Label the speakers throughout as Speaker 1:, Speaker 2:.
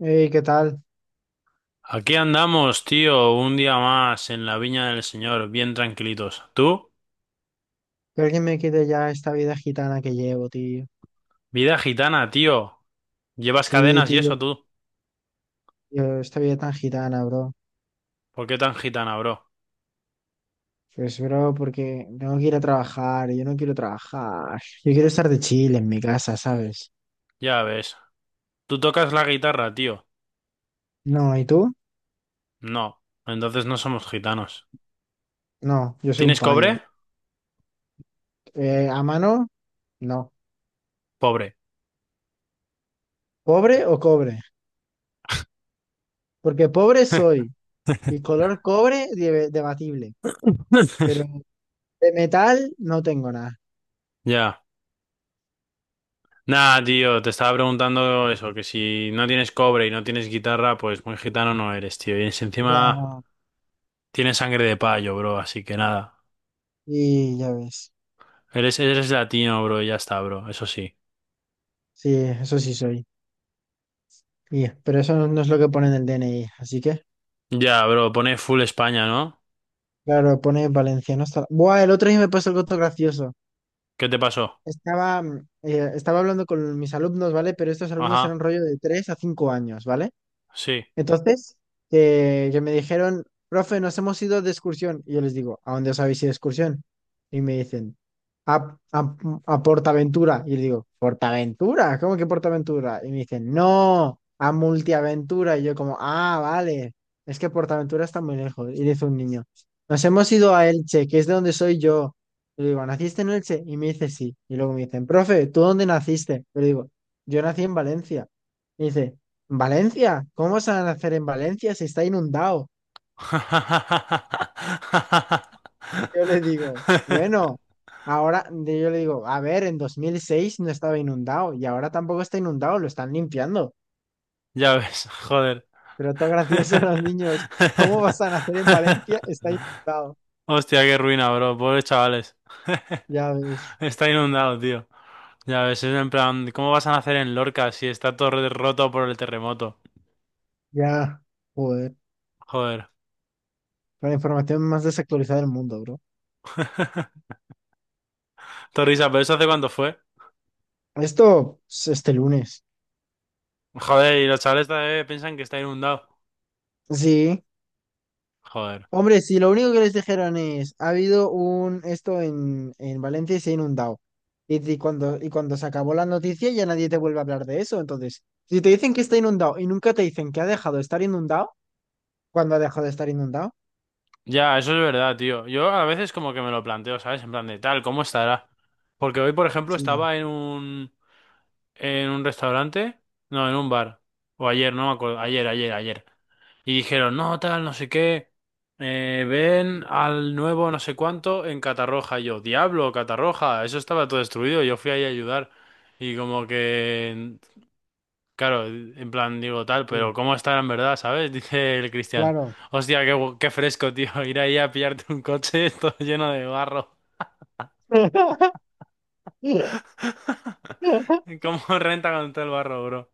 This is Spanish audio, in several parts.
Speaker 1: Ey, ¿qué tal?
Speaker 2: Aquí andamos, tío, un día más en la viña del Señor, bien tranquilitos. ¿Tú?
Speaker 1: Que alguien me quite ya esta vida gitana que llevo, tío.
Speaker 2: Vida gitana, tío. Llevas
Speaker 1: Sí,
Speaker 2: cadenas y eso
Speaker 1: tío,
Speaker 2: tú.
Speaker 1: tío, esta vida tan gitana, bro.
Speaker 2: ¿Por qué tan gitana, bro?
Speaker 1: Pues, bro, porque tengo que ir a trabajar, y yo no quiero trabajar. Yo quiero estar de chile en mi casa, ¿sabes?
Speaker 2: Ya ves. ¿Tú tocas la guitarra, tío?
Speaker 1: No, ¿y tú?
Speaker 2: No. Entonces no somos gitanos.
Speaker 1: No, yo soy un
Speaker 2: ¿Tienes
Speaker 1: payo.
Speaker 2: cobre?
Speaker 1: ¿A mano? No.
Speaker 2: Pobre.
Speaker 1: ¿Pobre o cobre? Porque pobre soy, y color cobre debatible, pero de metal no tengo nada.
Speaker 2: Ya. Nah, tío, te estaba preguntando eso, que si no tienes cobre y no tienes guitarra, pues muy gitano no eres, tío.
Speaker 1: Ya
Speaker 2: Encima
Speaker 1: no.
Speaker 2: tienes sangre de payo, bro, así que nada.
Speaker 1: Y ya ves.
Speaker 2: Eres latino, bro, y ya está, bro, eso sí.
Speaker 1: Sí, eso sí soy. Y- pero eso no es lo que pone en el DNI, así que,
Speaker 2: Ya, bro, pone full España, ¿no?
Speaker 1: claro, pone valenciano hasta... Buah, el otro día me pasó algo todo gracioso.
Speaker 2: ¿Qué te pasó?
Speaker 1: Estaba, estaba hablando con mis alumnos, ¿vale? Pero estos alumnos
Speaker 2: Ajá,
Speaker 1: eran rollo de 3 a 5 años, ¿vale?
Speaker 2: sí.
Speaker 1: Entonces, que me dijeron, profe, nos hemos ido de excursión. Y yo les digo, ¿a dónde os habéis ido de excursión? Y me dicen, a, a, a Portaventura. Y le digo, ¿Portaventura? ¿Cómo que Portaventura? Y me dicen, no, a Multiaventura. Y yo como, ah, vale, es que Portaventura está muy lejos. Y dice un niño, nos hemos ido a Elche, que es de donde soy yo. Y le digo, ¿naciste en Elche? Y me dice, sí. Y luego me dicen, profe, ¿tú dónde naciste? Y le digo, yo nací en Valencia. Y dice. Valencia, ¿cómo se van a hacer en Valencia si está inundado? Yo le digo, bueno, yo le digo, a ver, en 2006 no estaba inundado y ahora tampoco está inundado, lo están limpiando.
Speaker 2: Ya ves, joder.
Speaker 1: Pero todo gracioso los niños, ¿cómo vas a nacer en Valencia? Está inundado.
Speaker 2: Hostia, qué ruina, bro. Pobres chavales.
Speaker 1: Ya ves,
Speaker 2: Está inundado, tío. Ya ves, es en plan, ¿cómo vas a nacer en Lorca si está todo roto por el terremoto?
Speaker 1: ya, joder,
Speaker 2: Joder.
Speaker 1: la información más desactualizada del mundo, bro.
Speaker 2: Torrisa, ¿pero eso hace cuánto fue?
Speaker 1: Esto es este lunes.
Speaker 2: Joder, y los chavales todavía piensan que está inundado.
Speaker 1: Sí.
Speaker 2: Joder.
Speaker 1: Hombre, si lo único que les dijeron es, ha habido un esto en Valencia y se ha inundado. Y, y cuando se acabó la noticia ya nadie te vuelve a hablar de eso. Entonces, si te dicen que está inundado y nunca te dicen que ha dejado de estar inundado, ¿cuándo ha dejado de estar inundado?
Speaker 2: Ya, eso es verdad, tío. Yo a veces como que me lo planteo, ¿sabes? En plan de tal, ¿cómo estará? Porque hoy, por ejemplo,
Speaker 1: Sí,
Speaker 2: estaba en un restaurante, no, en un bar. O ayer, no me acuerdo, ayer. Y dijeron, "No, tal, no sé qué. Eh, ven al nuevo no sé cuánto en Catarroja." Y yo, "Diablo, Catarroja, eso estaba todo destruido." Yo fui ahí a ayudar y como que claro, en plan digo tal,
Speaker 1: sí,
Speaker 2: pero ¿cómo estará en verdad, sabes? Dice el Cristian.
Speaker 1: claro,
Speaker 2: Hostia, qué, qué fresco, tío. Ir ahí a pillarte un coche todo lleno de barro. ¿Cómo renta con todo el barro, bro?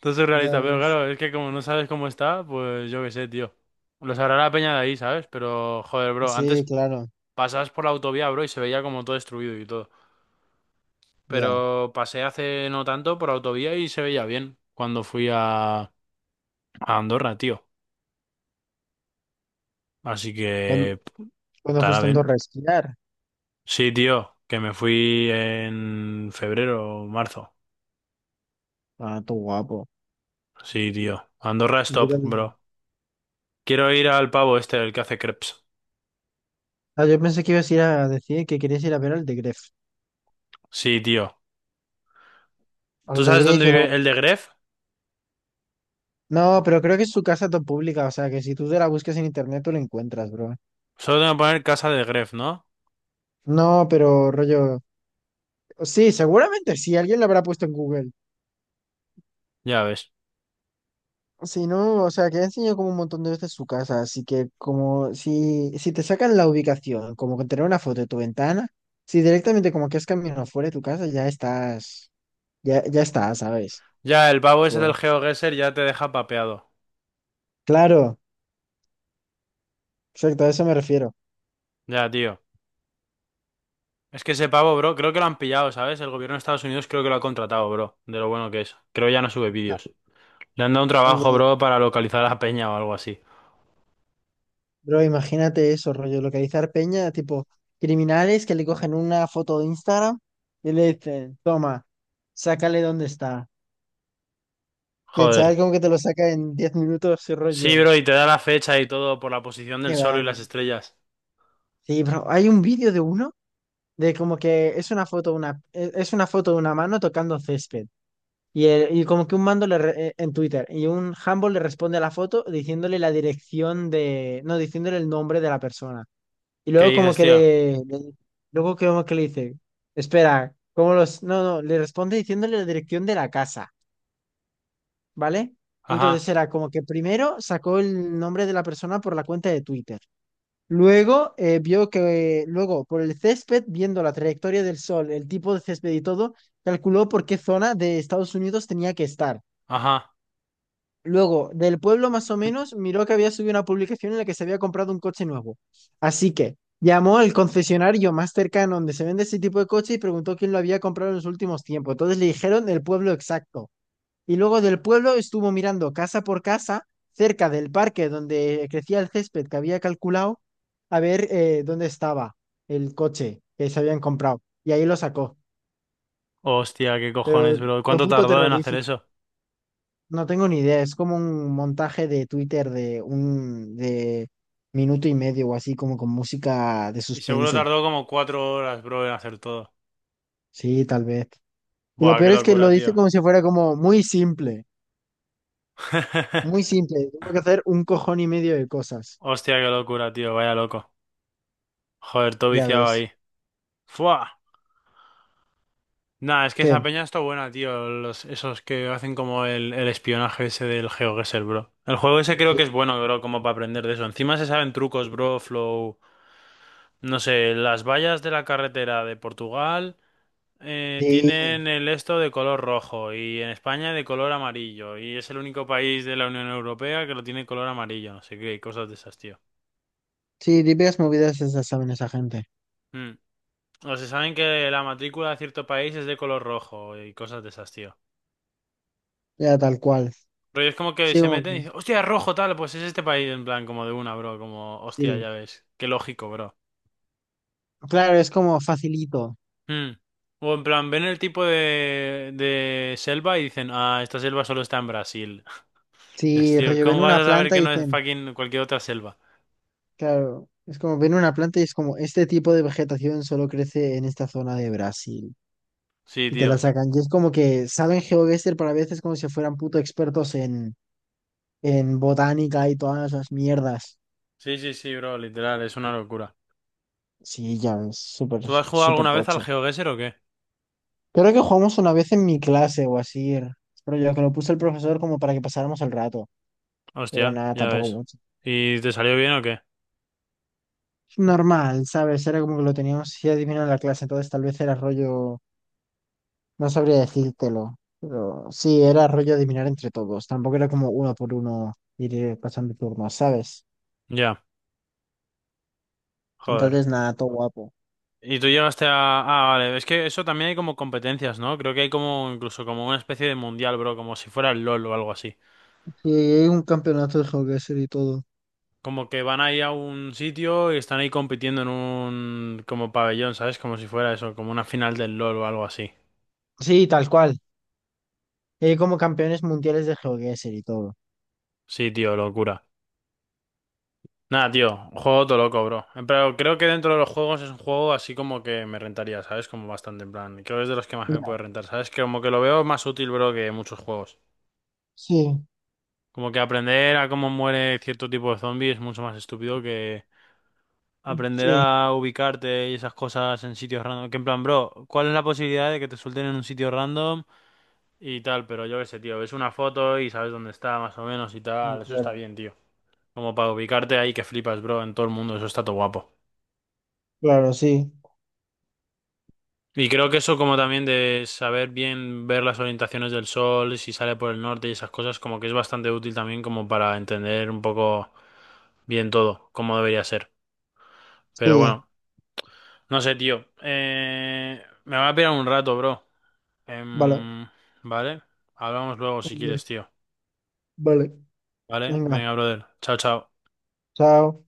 Speaker 2: Todo
Speaker 1: ya
Speaker 2: surrealista, pero
Speaker 1: ves.
Speaker 2: claro, es que como no sabes cómo está, pues yo qué sé, tío. Lo sabrá la peña de ahí, ¿sabes? Pero, joder, bro,
Speaker 1: Sí,
Speaker 2: antes
Speaker 1: claro,
Speaker 2: pasabas por la autovía, bro, y se veía como todo destruido y todo.
Speaker 1: ya.
Speaker 2: Pero pasé hace no tanto por autovía y se veía bien cuando fui a Andorra, tío. Así
Speaker 1: Cuando,
Speaker 2: que
Speaker 1: cuando
Speaker 2: estará
Speaker 1: fuiste en
Speaker 2: bien.
Speaker 1: Andorra a esquiar.
Speaker 2: Sí, tío, que me fui en febrero o marzo.
Speaker 1: Ah, tú guapo.
Speaker 2: Sí, tío. Andorra es
Speaker 1: Y yo
Speaker 2: top, bro.
Speaker 1: también.
Speaker 2: Quiero ir al pavo este, el que hace crepes.
Speaker 1: Ah, yo pensé que ibas a ir a decir que querías ir a ver al de Gref.
Speaker 2: Sí, tío.
Speaker 1: Al
Speaker 2: ¿Tú
Speaker 1: de
Speaker 2: sabes
Speaker 1: Gref
Speaker 2: dónde
Speaker 1: y a la...
Speaker 2: vive el de Gref?
Speaker 1: No, pero
Speaker 2: Ujú.
Speaker 1: creo que es su casa está pública, o sea que si tú te la buscas en internet tú la encuentras, bro.
Speaker 2: Solo tengo que poner casa de Gref, ¿no?
Speaker 1: No, pero rollo. Sí, seguramente sí, alguien la habrá puesto en Google.
Speaker 2: Ya ves.
Speaker 1: Si no, o sea que ha enseñado como un montón de veces su casa, así que como si, si te sacan la ubicación, como con tener una foto de tu ventana, si directamente como que has caminado fuera de tu casa, ya estás, ya, ya estás, ¿sabes?
Speaker 2: Ya, el pavo ese del
Speaker 1: Tú-
Speaker 2: GeoGuessr ya te deja papeado.
Speaker 1: claro, exacto, a eso me refiero.
Speaker 2: Ya, tío. Es que ese pavo, bro, creo que lo han pillado, ¿sabes? El gobierno de Estados Unidos creo que lo ha contratado, bro. De lo bueno que es. Creo ya no sube
Speaker 1: A-
Speaker 2: vídeos. Le han dado un
Speaker 1: al
Speaker 2: trabajo,
Speaker 1: de-
Speaker 2: bro, para localizar a la peña o algo así.
Speaker 1: Bro, imagínate eso, rollo, localizar peña, tipo criminales que le cogen una foto de Instagram y le dicen, toma, sácale dónde está. Y el chaval
Speaker 2: Joder.
Speaker 1: como que te lo saca en 10 minutos y
Speaker 2: Sí,
Speaker 1: rollo.
Speaker 2: bro, y te da la fecha y todo por la posición del
Speaker 1: Que
Speaker 2: sol y las
Speaker 1: van.
Speaker 2: estrellas.
Speaker 1: Sí, bro, hay un vídeo de uno de como que es una foto una, es una foto de una mano tocando césped. Y, y como que un mando en Twitter y un handball le responde a la foto diciéndole la dirección de, no, diciéndole el nombre de la persona. Y
Speaker 2: ¿Qué
Speaker 1: luego como
Speaker 2: dices,
Speaker 1: que
Speaker 2: tío?
Speaker 1: luego que como que le dice, espera, ¿cómo los? No, no, le responde diciéndole la dirección de la casa, ¿vale? Y
Speaker 2: Ajá,
Speaker 1: entonces era como que primero sacó el nombre de la persona por la cuenta de Twitter. Luego vio que, luego por el césped, viendo la trayectoria del sol, el tipo de césped y todo, calculó por qué zona de Estados Unidos tenía que estar.
Speaker 2: ajá.
Speaker 1: Luego, del pueblo más o menos, miró que había subido una publicación en la que se había comprado un coche nuevo. Así que llamó al concesionario más cercano donde se vende ese tipo de coche y preguntó quién lo había comprado en los últimos tiempos. Entonces le dijeron el pueblo exacto. Y luego del pueblo estuvo mirando casa por casa, cerca del parque donde crecía el césped que había calculado, a ver dónde estaba el coche que se habían comprado. Y ahí lo sacó.
Speaker 2: Hostia, qué
Speaker 1: Pero
Speaker 2: cojones, bro.
Speaker 1: lo
Speaker 2: ¿Cuánto
Speaker 1: puto
Speaker 2: tardó en hacer
Speaker 1: terrorífico.
Speaker 2: eso?
Speaker 1: No tengo ni idea, es como un montaje de Twitter de un de minuto y medio o así, como con música de
Speaker 2: Y seguro
Speaker 1: suspense.
Speaker 2: tardó como 4 horas, bro, en hacer todo.
Speaker 1: Sí, tal vez. Y lo
Speaker 2: Buah, qué
Speaker 1: peor es que lo
Speaker 2: locura,
Speaker 1: dice
Speaker 2: tío.
Speaker 1: como si fuera como muy simple, muy simple. Tengo que hacer un cojón y medio de cosas.
Speaker 2: Hostia, qué locura, tío. Vaya loco. Joder, todo
Speaker 1: Ya
Speaker 2: viciado
Speaker 1: ves.
Speaker 2: ahí. Fua. Nah, es que esa
Speaker 1: ¿Qué?
Speaker 2: peña está buena, tío. Los, esos que hacen como el espionaje ese del GeoGuessr, bro. El juego ese creo que
Speaker 1: Sí,
Speaker 2: es bueno, bro, como para aprender de eso. Encima se saben trucos, bro, flow. No sé, las vallas de la carretera de Portugal
Speaker 1: sí,
Speaker 2: tienen el esto de color rojo y en España de color amarillo. Y es el único país de la Unión Europea que lo tiene color amarillo, no sé qué, cosas de esas, tío.
Speaker 1: sí, típicas movidas esas saben esa gente.
Speaker 2: Mm. O se saben que la matrícula de cierto país es de color rojo y cosas de esas, tío.
Speaker 1: Ya tal cual.
Speaker 2: Pero es como que
Speaker 1: Sí,
Speaker 2: se
Speaker 1: como
Speaker 2: meten y
Speaker 1: que-
Speaker 2: dicen, hostia, rojo tal, pues es este país, en plan, como de una, bro, como, hostia,
Speaker 1: sí.
Speaker 2: ya ves, qué lógico, bro.
Speaker 1: Claro, es como facilito.
Speaker 2: Mm. O en plan, ven el tipo de selva y dicen, ah, esta selva solo está en Brasil. Es,
Speaker 1: Si
Speaker 2: tío,
Speaker 1: reviven
Speaker 2: ¿cómo vas
Speaker 1: una
Speaker 2: a saber
Speaker 1: planta
Speaker 2: que
Speaker 1: y
Speaker 2: no es
Speaker 1: dicen.
Speaker 2: fucking cualquier otra selva?
Speaker 1: Claro, es como ven una planta y es como este tipo de vegetación solo crece en esta zona de Brasil.
Speaker 2: Sí,
Speaker 1: Y te la
Speaker 2: tío.
Speaker 1: sacan. Y es como que saben GeoGuessr para veces como si fueran puto expertos en botánica y todas esas mierdas.
Speaker 2: Sí, sí, sí, bro, literal, es una locura.
Speaker 1: Sí, ya ves, súper,
Speaker 2: ¿Tú has jugado
Speaker 1: súper
Speaker 2: alguna vez al
Speaker 1: tocho.
Speaker 2: GeoGuessr o qué?
Speaker 1: Creo que jugamos una vez en mi clase o así. Pero yo que lo puso el profesor como para que pasáramos el rato. Pero
Speaker 2: Hostia,
Speaker 1: nada,
Speaker 2: ya
Speaker 1: tampoco
Speaker 2: ves.
Speaker 1: mucho.
Speaker 2: ¿Y te salió bien o qué?
Speaker 1: Normal, ¿sabes? Era como que lo teníamos así adivinado en la clase, entonces tal vez era rollo. No sabría decírtelo, pero sí, era rollo adivinar entre todos. Tampoco era como uno por uno ir pasando turnos, ¿sabes?
Speaker 2: Ya, joder.
Speaker 1: Entonces, nada, todo guapo.
Speaker 2: ¿Y tú llegaste a...? Ah, vale, es que eso también hay como competencias, ¿no? Creo que hay como incluso como una especie de mundial, bro, como si fuera el LOL o algo así.
Speaker 1: Sí, hay un campeonato de GeoGuessr y todo.
Speaker 2: Como que van ahí a un sitio y están ahí compitiendo en un... como pabellón, ¿sabes? Como si fuera eso, como una final del LOL o algo así.
Speaker 1: Sí, tal cual. Hay como campeones mundiales de GeoGuessr y todo.
Speaker 2: Sí, tío, locura. Nada, tío, un juego todo loco, bro. En plan, creo que dentro de los juegos es un juego así como que me rentaría, ¿sabes? Como bastante, en plan. Creo que es de los que más me
Speaker 1: Ya,
Speaker 2: puede rentar, ¿sabes? Que como que lo veo más útil, bro, que muchos juegos.
Speaker 1: sí,
Speaker 2: Como que aprender a cómo muere cierto tipo de zombies es mucho más estúpido que aprender
Speaker 1: sí,
Speaker 2: a ubicarte y esas cosas en sitios random. Que en plan, bro, ¿cuál es la posibilidad de que te suelten en un sitio random y tal? Pero yo qué sé, tío, ves una foto y sabes dónde está más o menos y
Speaker 1: sí,
Speaker 2: tal. Eso está
Speaker 1: claro.
Speaker 2: bien, tío. Como para ubicarte ahí que flipas, bro, en todo el mundo. Eso está todo guapo.
Speaker 1: Claro, sí.
Speaker 2: Y creo que eso como también de saber bien ver las orientaciones del sol, si sale por el norte y esas cosas, como que es bastante útil también como para entender un poco bien todo, cómo debería ser.
Speaker 1: Sí,
Speaker 2: Pero bueno, no sé, tío. Me va a pegar un rato, bro.
Speaker 1: vale.
Speaker 2: Em, ¿Vale? Hablamos luego si
Speaker 1: Ok,
Speaker 2: quieres, tío.
Speaker 1: vale,
Speaker 2: ¿Vale?
Speaker 1: venga,
Speaker 2: Venga, brother. Chao, chao.
Speaker 1: chao.